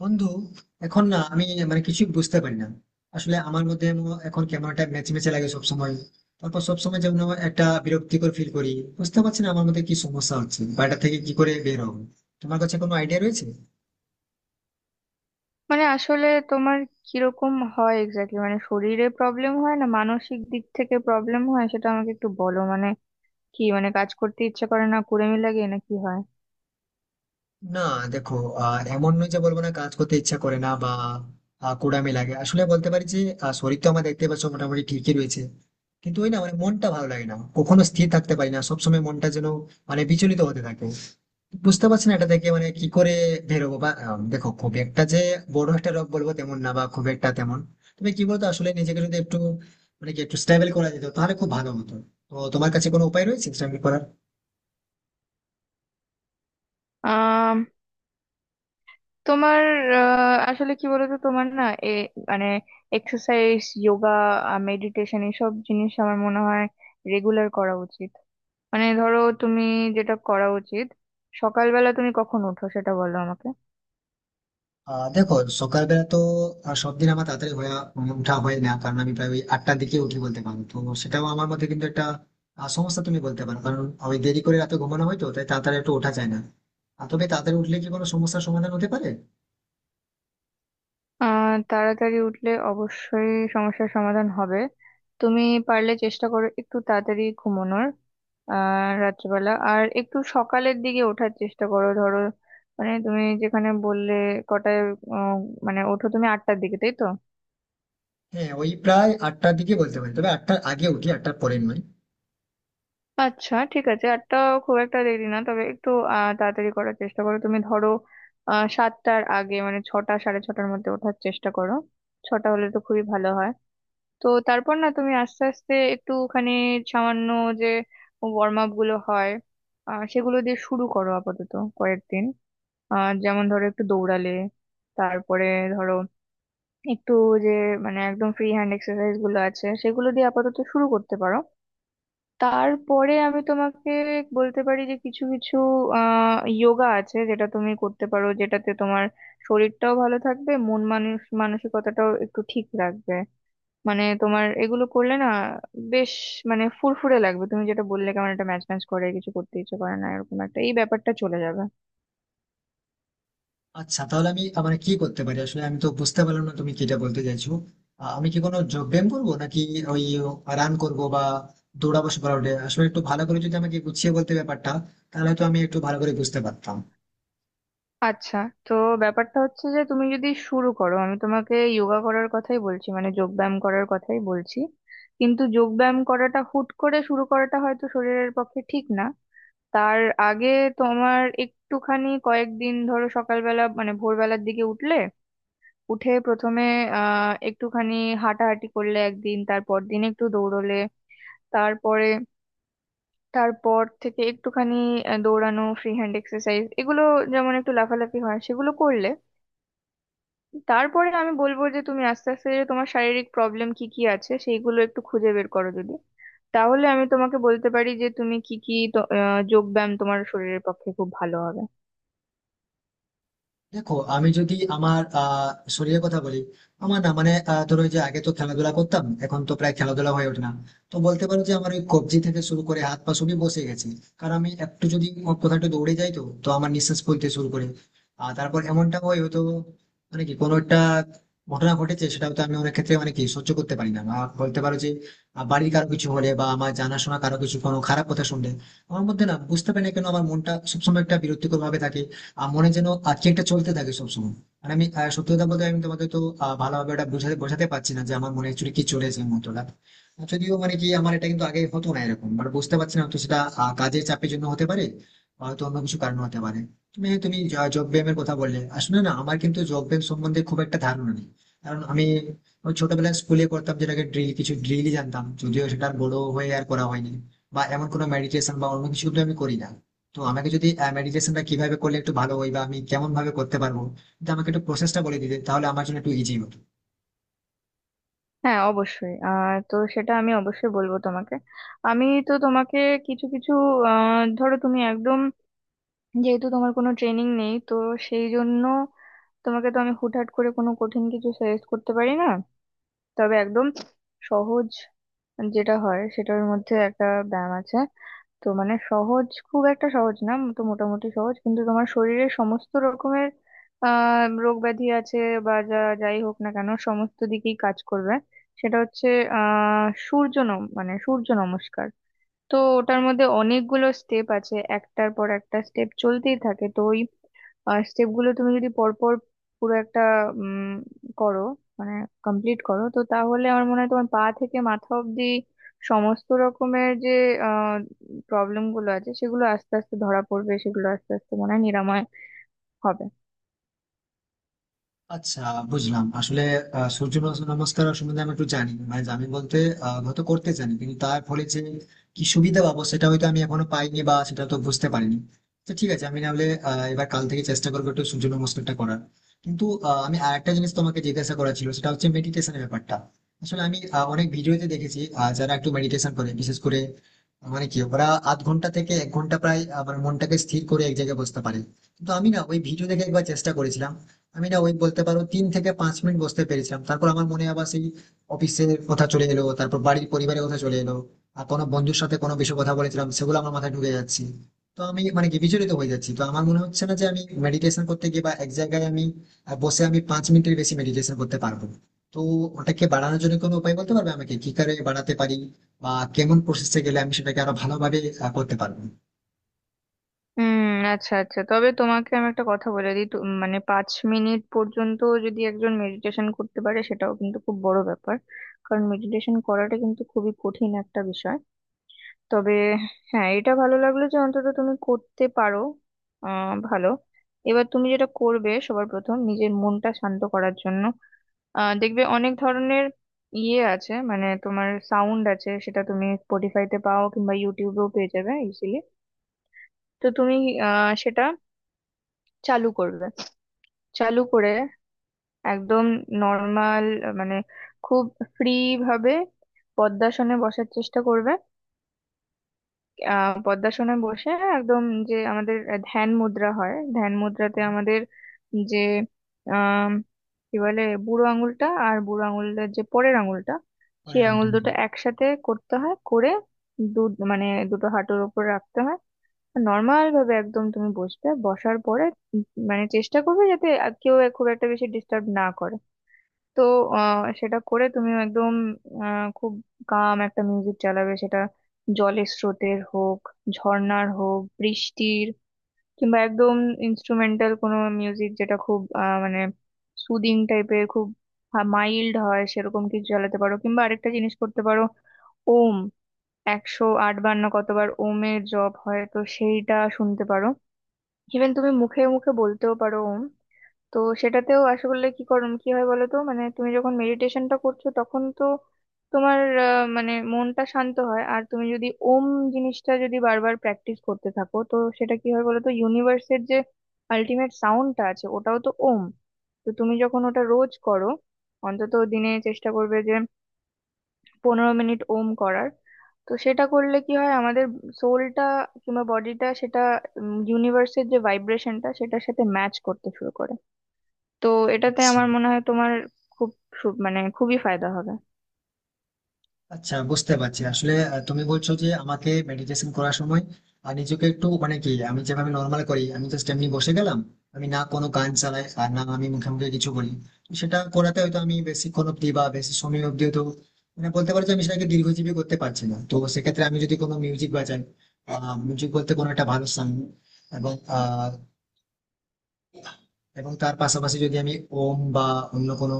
বন্ধু, এখন না আমি মানে কিছুই বুঝতে পারি না। আসলে আমার মধ্যে এখন কেমন একটা মেচমেচে লাগে সবসময়। তারপর সবসময় যেমন একটা বিরক্তিকর ফিল করি। বুঝতে পারছি না আমার মধ্যে কি সমস্যা হচ্ছে বা এটা থেকে কি করে বের হবো। তোমার কাছে কোনো আইডিয়া রয়েছে? মানে আসলে তোমার কিরকম হয় এক্স্যাক্টলি, মানে শরীরে প্রবলেম হয় না মানসিক দিক থেকে প্রবলেম হয় সেটা আমাকে একটু বলো। মানে কি, মানে কাজ করতে ইচ্ছে করে না, কুড়েমি লাগে, না কি হয়? না। দেখো, এমন নয় যে বলবো, না কাজ করতে ইচ্ছা করে না বা কুড়ামি লাগে, আসলে বলতে পারি যে শরীর তো আমার দেখতে পাচ্ছ মোটামুটি ঠিকই রয়েছে। কিন্তু ওই না মানে মনটা ভালো লাগে না, কখনো স্থির থাকতে পারি না, সবসময় মনটা যেন মানে বিচলিত হতে থাকে। বুঝতে পারছি না এটা থেকে মানে কি করে বেরোবো বা দেখো, খুব একটা যে বড় একটা রোগ বলবো তেমন না বা খুব একটা তেমন। তবে কি বলতো, আসলে নিজেকে যদি একটু মানে কি একটু স্টেবল করা যেত তাহলে খুব ভালো হতো। তো তোমার কাছে কোনো উপায় রয়েছে স্টেবল করার? আম, তোমার, আসলে কি বলতো তোমার না এ মানে এক্সারসাইজ, যোগা, মেডিটেশন এসব জিনিস আমার মনে হয় রেগুলার করা উচিত। মানে ধরো তুমি যেটা করা উচিত, সকালবেলা তুমি কখন ওঠো সেটা বলো আমাকে। দেখো, সকালবেলা তো সব দিন আমার তাড়াতাড়ি হয়ে ওঠা হয় না, কারণ আমি প্রায় ওই আটটার দিকে উঠি বলতে পারো তো। সেটাও আমার মধ্যে কিন্তু একটা সমস্যা তুমি বলতে পারো, কারণ ওই দেরি করে রাতে ঘুমানো হয় তো, তাই তাড়াতাড়ি একটু ওঠা যায় না। আর তবে তাড়াতাড়ি উঠলে কি কোনো সমস্যার সমাধান হতে পারে? তাড়াতাড়ি উঠলে অবশ্যই সমস্যার সমাধান হবে। তুমি পারলে চেষ্টা করো একটু তাড়াতাড়ি ঘুমানোর, রাত্রিবেলা, আর একটু সকালের দিকে ওঠার চেষ্টা করো। ধরো, মানে তুমি যেখানে বললে কটায়, উম, মানে ওঠো তুমি 8টার দিকে, তাই তো? হ্যাঁ, ওই প্রায় আটটার দিকে বলতে পারি, তবে আটটার আগে উঠি, আটটার পরে নয়। আচ্ছা, ঠিক আছে, 8টা খুব একটা দেরি না, তবে একটু তাড়াতাড়ি করার চেষ্টা করো। তুমি ধরো 7টার আগে, মানে 6টা সাড়ে 6টার মধ্যে ওঠার চেষ্টা করো। 6টা হলে তো খুবই ভালো হয়। তো তারপর না, তুমি আস্তে আস্তে একটুখানি সামান্য যে ওয়ার্ম আপ গুলো হয় সেগুলো দিয়ে শুরু করো আপাতত কয়েকদিন। যেমন ধরো একটু দৌড়ালে, তারপরে ধরো একটু যে মানে একদম ফ্রি হ্যান্ড এক্সারসাইজ গুলো আছে সেগুলো দিয়ে আপাতত শুরু করতে পারো। তারপরে আমি তোমাকে বলতে পারি যে কিছু কিছু যোগা আছে যেটা তুমি করতে পারো, যেটাতে তোমার শরীরটাও ভালো থাকবে, মন মানুষ মানসিকতাটাও একটু ঠিক রাখবে। মানে তোমার এগুলো করলে না বেশ মানে ফুরফুরে লাগবে। তুমি যেটা বললে কেমন একটা ম্যাচ ম্যাচ করে, কিছু করতে ইচ্ছে করে না, এরকম একটা এই ব্যাপারটা চলে যাবে। আচ্ছা, তাহলে আমি মানে কি করতে পারি? আসলে আমি তো বুঝতে পারলাম না তুমি কিটা বলতে চাইছো। আমি কি কোনো যোগ ব্যায়াম করবো নাকি ওই রান করবো বা দৌড়াবো সকালে উঠে? আসলে একটু ভালো করে যদি আমাকে গুছিয়ে বলতে ব্যাপারটা, তাহলে তো আমি একটু ভালো করে বুঝতে পারতাম। আচ্ছা, তো ব্যাপারটা হচ্ছে যে তুমি যদি শুরু করো, আমি তোমাকে যোগা করার কথাই বলছি, মানে যোগ ব্যায়াম করার কথাই বলছি। কিন্তু যোগ ব্যায়াম করাটা হুট করে শুরু করাটা হয়তো শরীরের পক্ষে ঠিক না। তার আগে তোমার একটুখানি কয়েকদিন ধরো সকালবেলা, মানে ভোরবেলার দিকে উঠলে, উঠে প্রথমে একটুখানি হাঁটাহাঁটি করলে একদিন, তারপর দিন একটু দৌড়লে, তারপরে তারপর থেকে একটুখানি দৌড়ানো, ফ্রি হ্যান্ড এক্সারসাইজ এগুলো, যেমন একটু লাফালাফি হয় সেগুলো করলে, তারপরে আমি বলবো যে তুমি আস্তে আস্তে যে তোমার শারীরিক প্রবলেম কি কি আছে সেইগুলো একটু খুঁজে বের করো যদি, তাহলে আমি তোমাকে বলতে পারি যে তুমি কি কি যোগ ব্যায়াম তোমার শরীরের পক্ষে খুব ভালো হবে। দেখো, আমি যদি আমার শরীরের কথা বলি, আমার না মানে ধরো ওই যে আগে তো খেলাধুলা করতাম, এখন তো প্রায় খেলাধুলা হয়ে ওঠে না। তো বলতে পারো যে আমার ওই কবজি থেকে শুরু করে হাত পা সবই বসে গেছে। কারণ আমি একটু যদি কোথাও একটু দৌড়ে যাই তো তো আমার নিঃশ্বাস ফেলতে শুরু করে। আর তারপর এমনটা হয় হয়তো মানে কি কোনো একটা ঘটনা ঘটেছে, সেটা হয়তো আমি অনেক ক্ষেত্রে মানে কি সহ্য করতে পারি না, বা বলতে পারো যে বাড়ির কারো কিছু হলে বা আমার জানাশোনা কারো কিছু কোনো খারাপ কথা শুনলে আমার মধ্যে না বুঝতে পারি না কেন আমার মনটা সবসময় একটা বিরক্তিকর ভাবে থাকে। মনে যেন কি একটা চলতে থাকে সবসময়। আর আমি সত্যি কথা বলতে আমি তোমাকে তো ভালোভাবে এটা বোঝাতে বোঝাতে পারছি না যে আমার মনে অ্যাকচুয়ালি কি চলেছে এই মুহূর্তটা। যদিও মানে কি আমার এটা কিন্তু আগে হতো না এরকম, বাট বুঝতে পারছি না তো সেটা কাজের চাপের জন্য হতে পারে, হয়তো অন্য কিছু কারণ হতে পারে। তুমি তুমি জব ব্যায়ামের কথা বললে, আসলে না আমার কিন্তু জব ব্যায়াম সম্বন্ধে খুব একটা ধারণা নেই। কারণ আমি ওই ছোটবেলায় স্কুলে করতাম যেটাকে ড্রিল, কিছু ড্রিলই জানতাম, যদিও সেটা আর বড় হয়ে আর করা হয়নি। বা এমন কোনো মেডিটেশন বা অন্য কিছু কিন্তু আমি করি না। তো আমাকে যদি মেডিটেশনটা কিভাবে করলে একটু ভালো হয় বা আমি কেমন ভাবে করতে পারবো, যদি আমাকে একটু প্রসেসটা বলে দিতে তাহলে আমার জন্য একটু ইজি হতো। হ্যাঁ, অবশ্যই, আর তো সেটা আমি অবশ্যই বলবো তোমাকে। আমি তো তোমাকে কিছু কিছু ধরো, তুমি একদম, যেহেতু তোমার কোনো ট্রেনিং নেই, তো সেই জন্য তোমাকে তো আমি হুটহাট করে কোনো কঠিন কিছু সাজেস্ট করতে পারি না। তবে একদম সহজ যেটা হয় সেটার মধ্যে একটা ব্যায়াম আছে। তো মানে সহজ, খুব একটা সহজ না, তো মোটামুটি সহজ, কিন্তু তোমার শরীরের সমস্ত রকমের রোগ ব্যাধি আছে বা যা যাই হোক না কেন সমস্ত দিকেই কাজ করবে। সেটা হচ্ছে আহ সূর্য নম মানে সূর্য নমস্কার। তো ওটার মধ্যে অনেকগুলো স্টেপ আছে, একটার পর একটা স্টেপ চলতেই থাকে, তো ওই স্টেপ গুলো তুমি যদি পরপর পুরো একটা উম করো, মানে কমপ্লিট করো, তো তাহলে আমার মনে হয় তোমার পা থেকে মাথা অব্দি সমস্ত রকমের যে আহ প্রবলেম গুলো আছে সেগুলো আস্তে আস্তে ধরা পড়বে, সেগুলো আস্তে আস্তে মনে হয় নিরাময় হবে। আচ্ছা, বুঝলাম। আসলে সূর্য নমস্কার সম্বন্ধে আমি একটু জানি, মানে জানি বলতে হয়তো করতে জানি, কিন্তু তার ফলে যে কি সুবিধা পাবো সেটা হয়তো আমি এখনো পাইনি বা সেটা তো বুঝতে পারিনি। তো ঠিক আছে, আমি নাহলে এবার কাল থেকে চেষ্টা করবো একটু সূর্য নমস্কারটা করার। কিন্তু আমি আরেকটা জিনিস তোমাকে জিজ্ঞাসা করা ছিল, সেটা হচ্ছে মেডিটেশনের ব্যাপারটা। আসলে আমি অনেক ভিডিওতে দেখেছি যারা একটু মেডিটেশন করে, বিশেষ করে মানে কি ওরা আধ ঘন্টা থেকে এক ঘন্টা প্রায় আমার মনটাকে স্থির করে এক জায়গায় বসতে পারে। কিন্তু আমি না ওই ভিডিও দেখে একবার চেষ্টা করেছিলাম। আমি না ওই বলতে পারো তিন থেকে পাঁচ মিনিট বসতে পেরেছিলাম, তারপর আমার মনে আবার সেই অফিসের কথা চলে এলো, তারপর বাড়ির পরিবারের কথা চলে এলো। আর কোনো বন্ধুর সাথে কোনো বিষয়ে কথা বলেছিলাম, সেগুলো আমার মাথায় ঢুকে যাচ্ছে। তো আমি মানে কি বিচলিত হয়ে যাচ্ছি, তো আমার মনে হচ্ছে না যে আমি মেডিটেশন করতে গিয়ে বা এক জায়গায় আমি বসে আমি পাঁচ মিনিটের বেশি মেডিটেশন করতে পারবো। তো ওটাকে বাড়ানোর জন্য কোনো উপায় বলতে পারবে আমাকে কি করে বাড়াতে পারি, বা কেমন প্রসেসে গেলে আমি সেটাকে আরো ভালোভাবে করতে পারবো? হুম, আচ্ছা আচ্ছা, তবে তোমাকে আমি একটা কথা বলে দিই, মানে 5 মিনিট পর্যন্ত যদি একজন মেডিটেশন করতে পারে সেটাও কিন্তু খুব বড় ব্যাপার, কারণ মেডিটেশন করাটা কিন্তু খুবই কঠিন একটা বিষয়। তবে হ্যাঁ, এটা ভালো লাগলো যে অন্তত তুমি করতে পারো। ভালো। এবার তুমি যেটা করবে, সবার প্রথম নিজের মনটা শান্ত করার জন্য দেখবে অনেক ধরনের ইয়ে আছে, মানে তোমার সাউন্ড আছে, সেটা তুমি স্পটিফাইতে পাও কিংবা ইউটিউবেও পেয়ে যাবে ইজিলি। তো তুমি সেটা চালু করবে। চালু করে একদম নর্মাল, মানে খুব ফ্রি ভাবে পদ্মাসনে বসার চেষ্টা করবে। পদ্মাসনে বসে একদম যে আমাদের ধ্যান মুদ্রা হয়, ধ্যান মুদ্রাতে আমাদের যে আহ কি বলে, বুড়ো আঙুলটা আর বুড়ো আঙুলের যে পরের আঙুলটা, পরে সেই ওটা আঙুল নিয়ে। দুটো একসাথে করতে হয় করে, দু মানে দুটো হাঁটুর উপর রাখতে হয়। নর্মাল ভাবে একদম তুমি বসবে। বসার পরে উম মানে চেষ্টা করবে যাতে আর কেউ খুব একটা বেশি ডিস্টার্ব না করে। তো সেটা করে তুমি একদম খুব কাম একটা মিউজিক চালাবে, সেটা জলের স্রোতের হোক, ঝর্ণার হোক, বৃষ্টির কিংবা একদম ইনস্ট্রুমেন্টাল কোনো মিউজিক, যেটা খুব মানে সুদিং টাইপের, খুব মাইল্ড হয় সেরকম কিছু চালাতে পারো। কিংবা আরেকটা জিনিস করতে পারো, ওম 108 বার, না কতবার ওমের জপ হয়, তো সেইটা শুনতে পারো। ইভেন তুমি মুখে মুখে বলতেও পারো ওম। তো সেটাতেও আসলে কি করুম কি হয় বলো তো, মানে তুমি যখন মেডিটেশনটা করছো তখন তো তোমার মানে মনটা শান্ত হয়। আর তুমি যদি ওম জিনিসটা যদি বারবার প্র্যাকটিস করতে থাকো, তো সেটা কি হয় বলো তো, ইউনিভার্সের যে আলটিমেট সাউন্ডটা আছে ওটাও তো ওম। তো তুমি যখন ওটা রোজ করো, অন্তত দিনে চেষ্টা করবে যে 15 মিনিট ওম করার, তো সেটা করলে কি হয়, আমাদের সোলটা কিংবা বডিটা সেটা ইউনিভার্সের যে ভাইব্রেশনটা সেটার সাথে ম্যাচ করতে শুরু করে। তো এটাতে আচ্ছা, আমার মনে হয় তোমার খুব মানে খুবই ফায়দা হবে। আচ্ছা, বুঝতে পারছি। আসলে তুমি বলছো যে আমাকে মেডিটেশন করার সময় আর নিজেকে একটু মানে কি, আমি যেভাবে নর্মাল করি আমি জাস্ট এমনি বসে গেলাম, আমি না কোনো গান চালাই আর না আমি মুখে মুখে কিছু বলি। তো সেটা করাতে হয়তো আমি বেশিক্ষণ অব্দি বা বেশি সময় অব্দি হয়তো মানে বলতে পারছি আমি সেটাকে দীর্ঘজীবী করতে পারছি না, তো সেক্ষেত্রে আমি যদি কোনো মিউজিক বাজাই, মিউজিক বলতে কোনো একটা ভালো সং, এবং আহ এবং তার পাশাপাশি যদি আমি ওম বা অন্য কোনো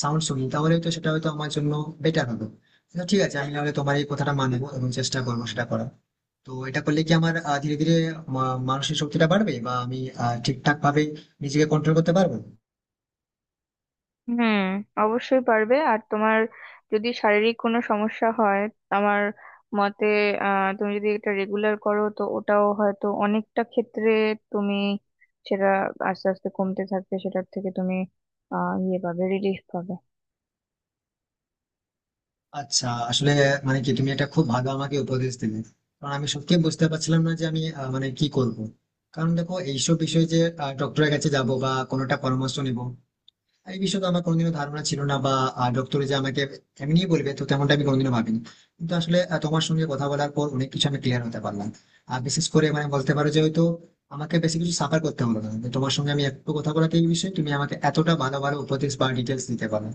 সাউন্ড শুনি, তাহলে তো সেটা হয়তো আমার জন্য বেটার হবে। তো ঠিক আছে, আমি নাহলে তোমার এই কথাটা মানবো এবং চেষ্টা করবো সেটা করার। তো এটা করলে কি আমার ধীরে ধীরে মানসিক শক্তিটা বাড়বে বা আমি ঠিকঠাক ভাবে নিজেকে কন্ট্রোল করতে পারবো? হুম, অবশ্যই পারবে। আর তোমার যদি শারীরিক কোনো সমস্যা হয়, আমার মতে তুমি যদি এটা রেগুলার করো, তো ওটাও হয়তো অনেকটা ক্ষেত্রে তুমি সেটা আস্তে আস্তে কমতে থাকবে, সেটার থেকে তুমি ইয়ে পাবে, রিলিফ পাবে। আচ্ছা, আসলে মানে কি তুমি এটা খুব ভালো আমাকে উপদেশ দিলে। কারণ আমি সত্যি বুঝতে পারছিলাম না যে আমি মানে কি করব। কারণ দেখো, এইসব বিষয়ে যে ডক্টরের কাছে যাব বা কোনোটা পরামর্শ নিবো, এই বিষয়ে তো আমার কোনোদিনও ধারণা ছিল না, বা ডক্টরে যে আমাকে এমনিই বলবে তো তেমনটা আমি কোনোদিনও ভাবিনি। কিন্তু আসলে তোমার সঙ্গে কথা বলার পর অনেক কিছু আমি ক্লিয়ার হতে পারলাম। আর বিশেষ করে মানে বলতে পারো যে হয়তো আমাকে বেশি কিছু সাফার করতে হলো না, যে তোমার সঙ্গে আমি একটু কথা বলাতে এই বিষয়ে তুমি আমাকে এতটা ভালো ভালো উপদেশ বা ডিটেলস দিতে পারো।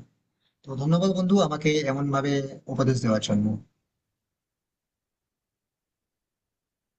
তো ধন্যবাদ বন্ধু, আমাকে এমন ভাবে উপদেশ দেওয়ার জন্য।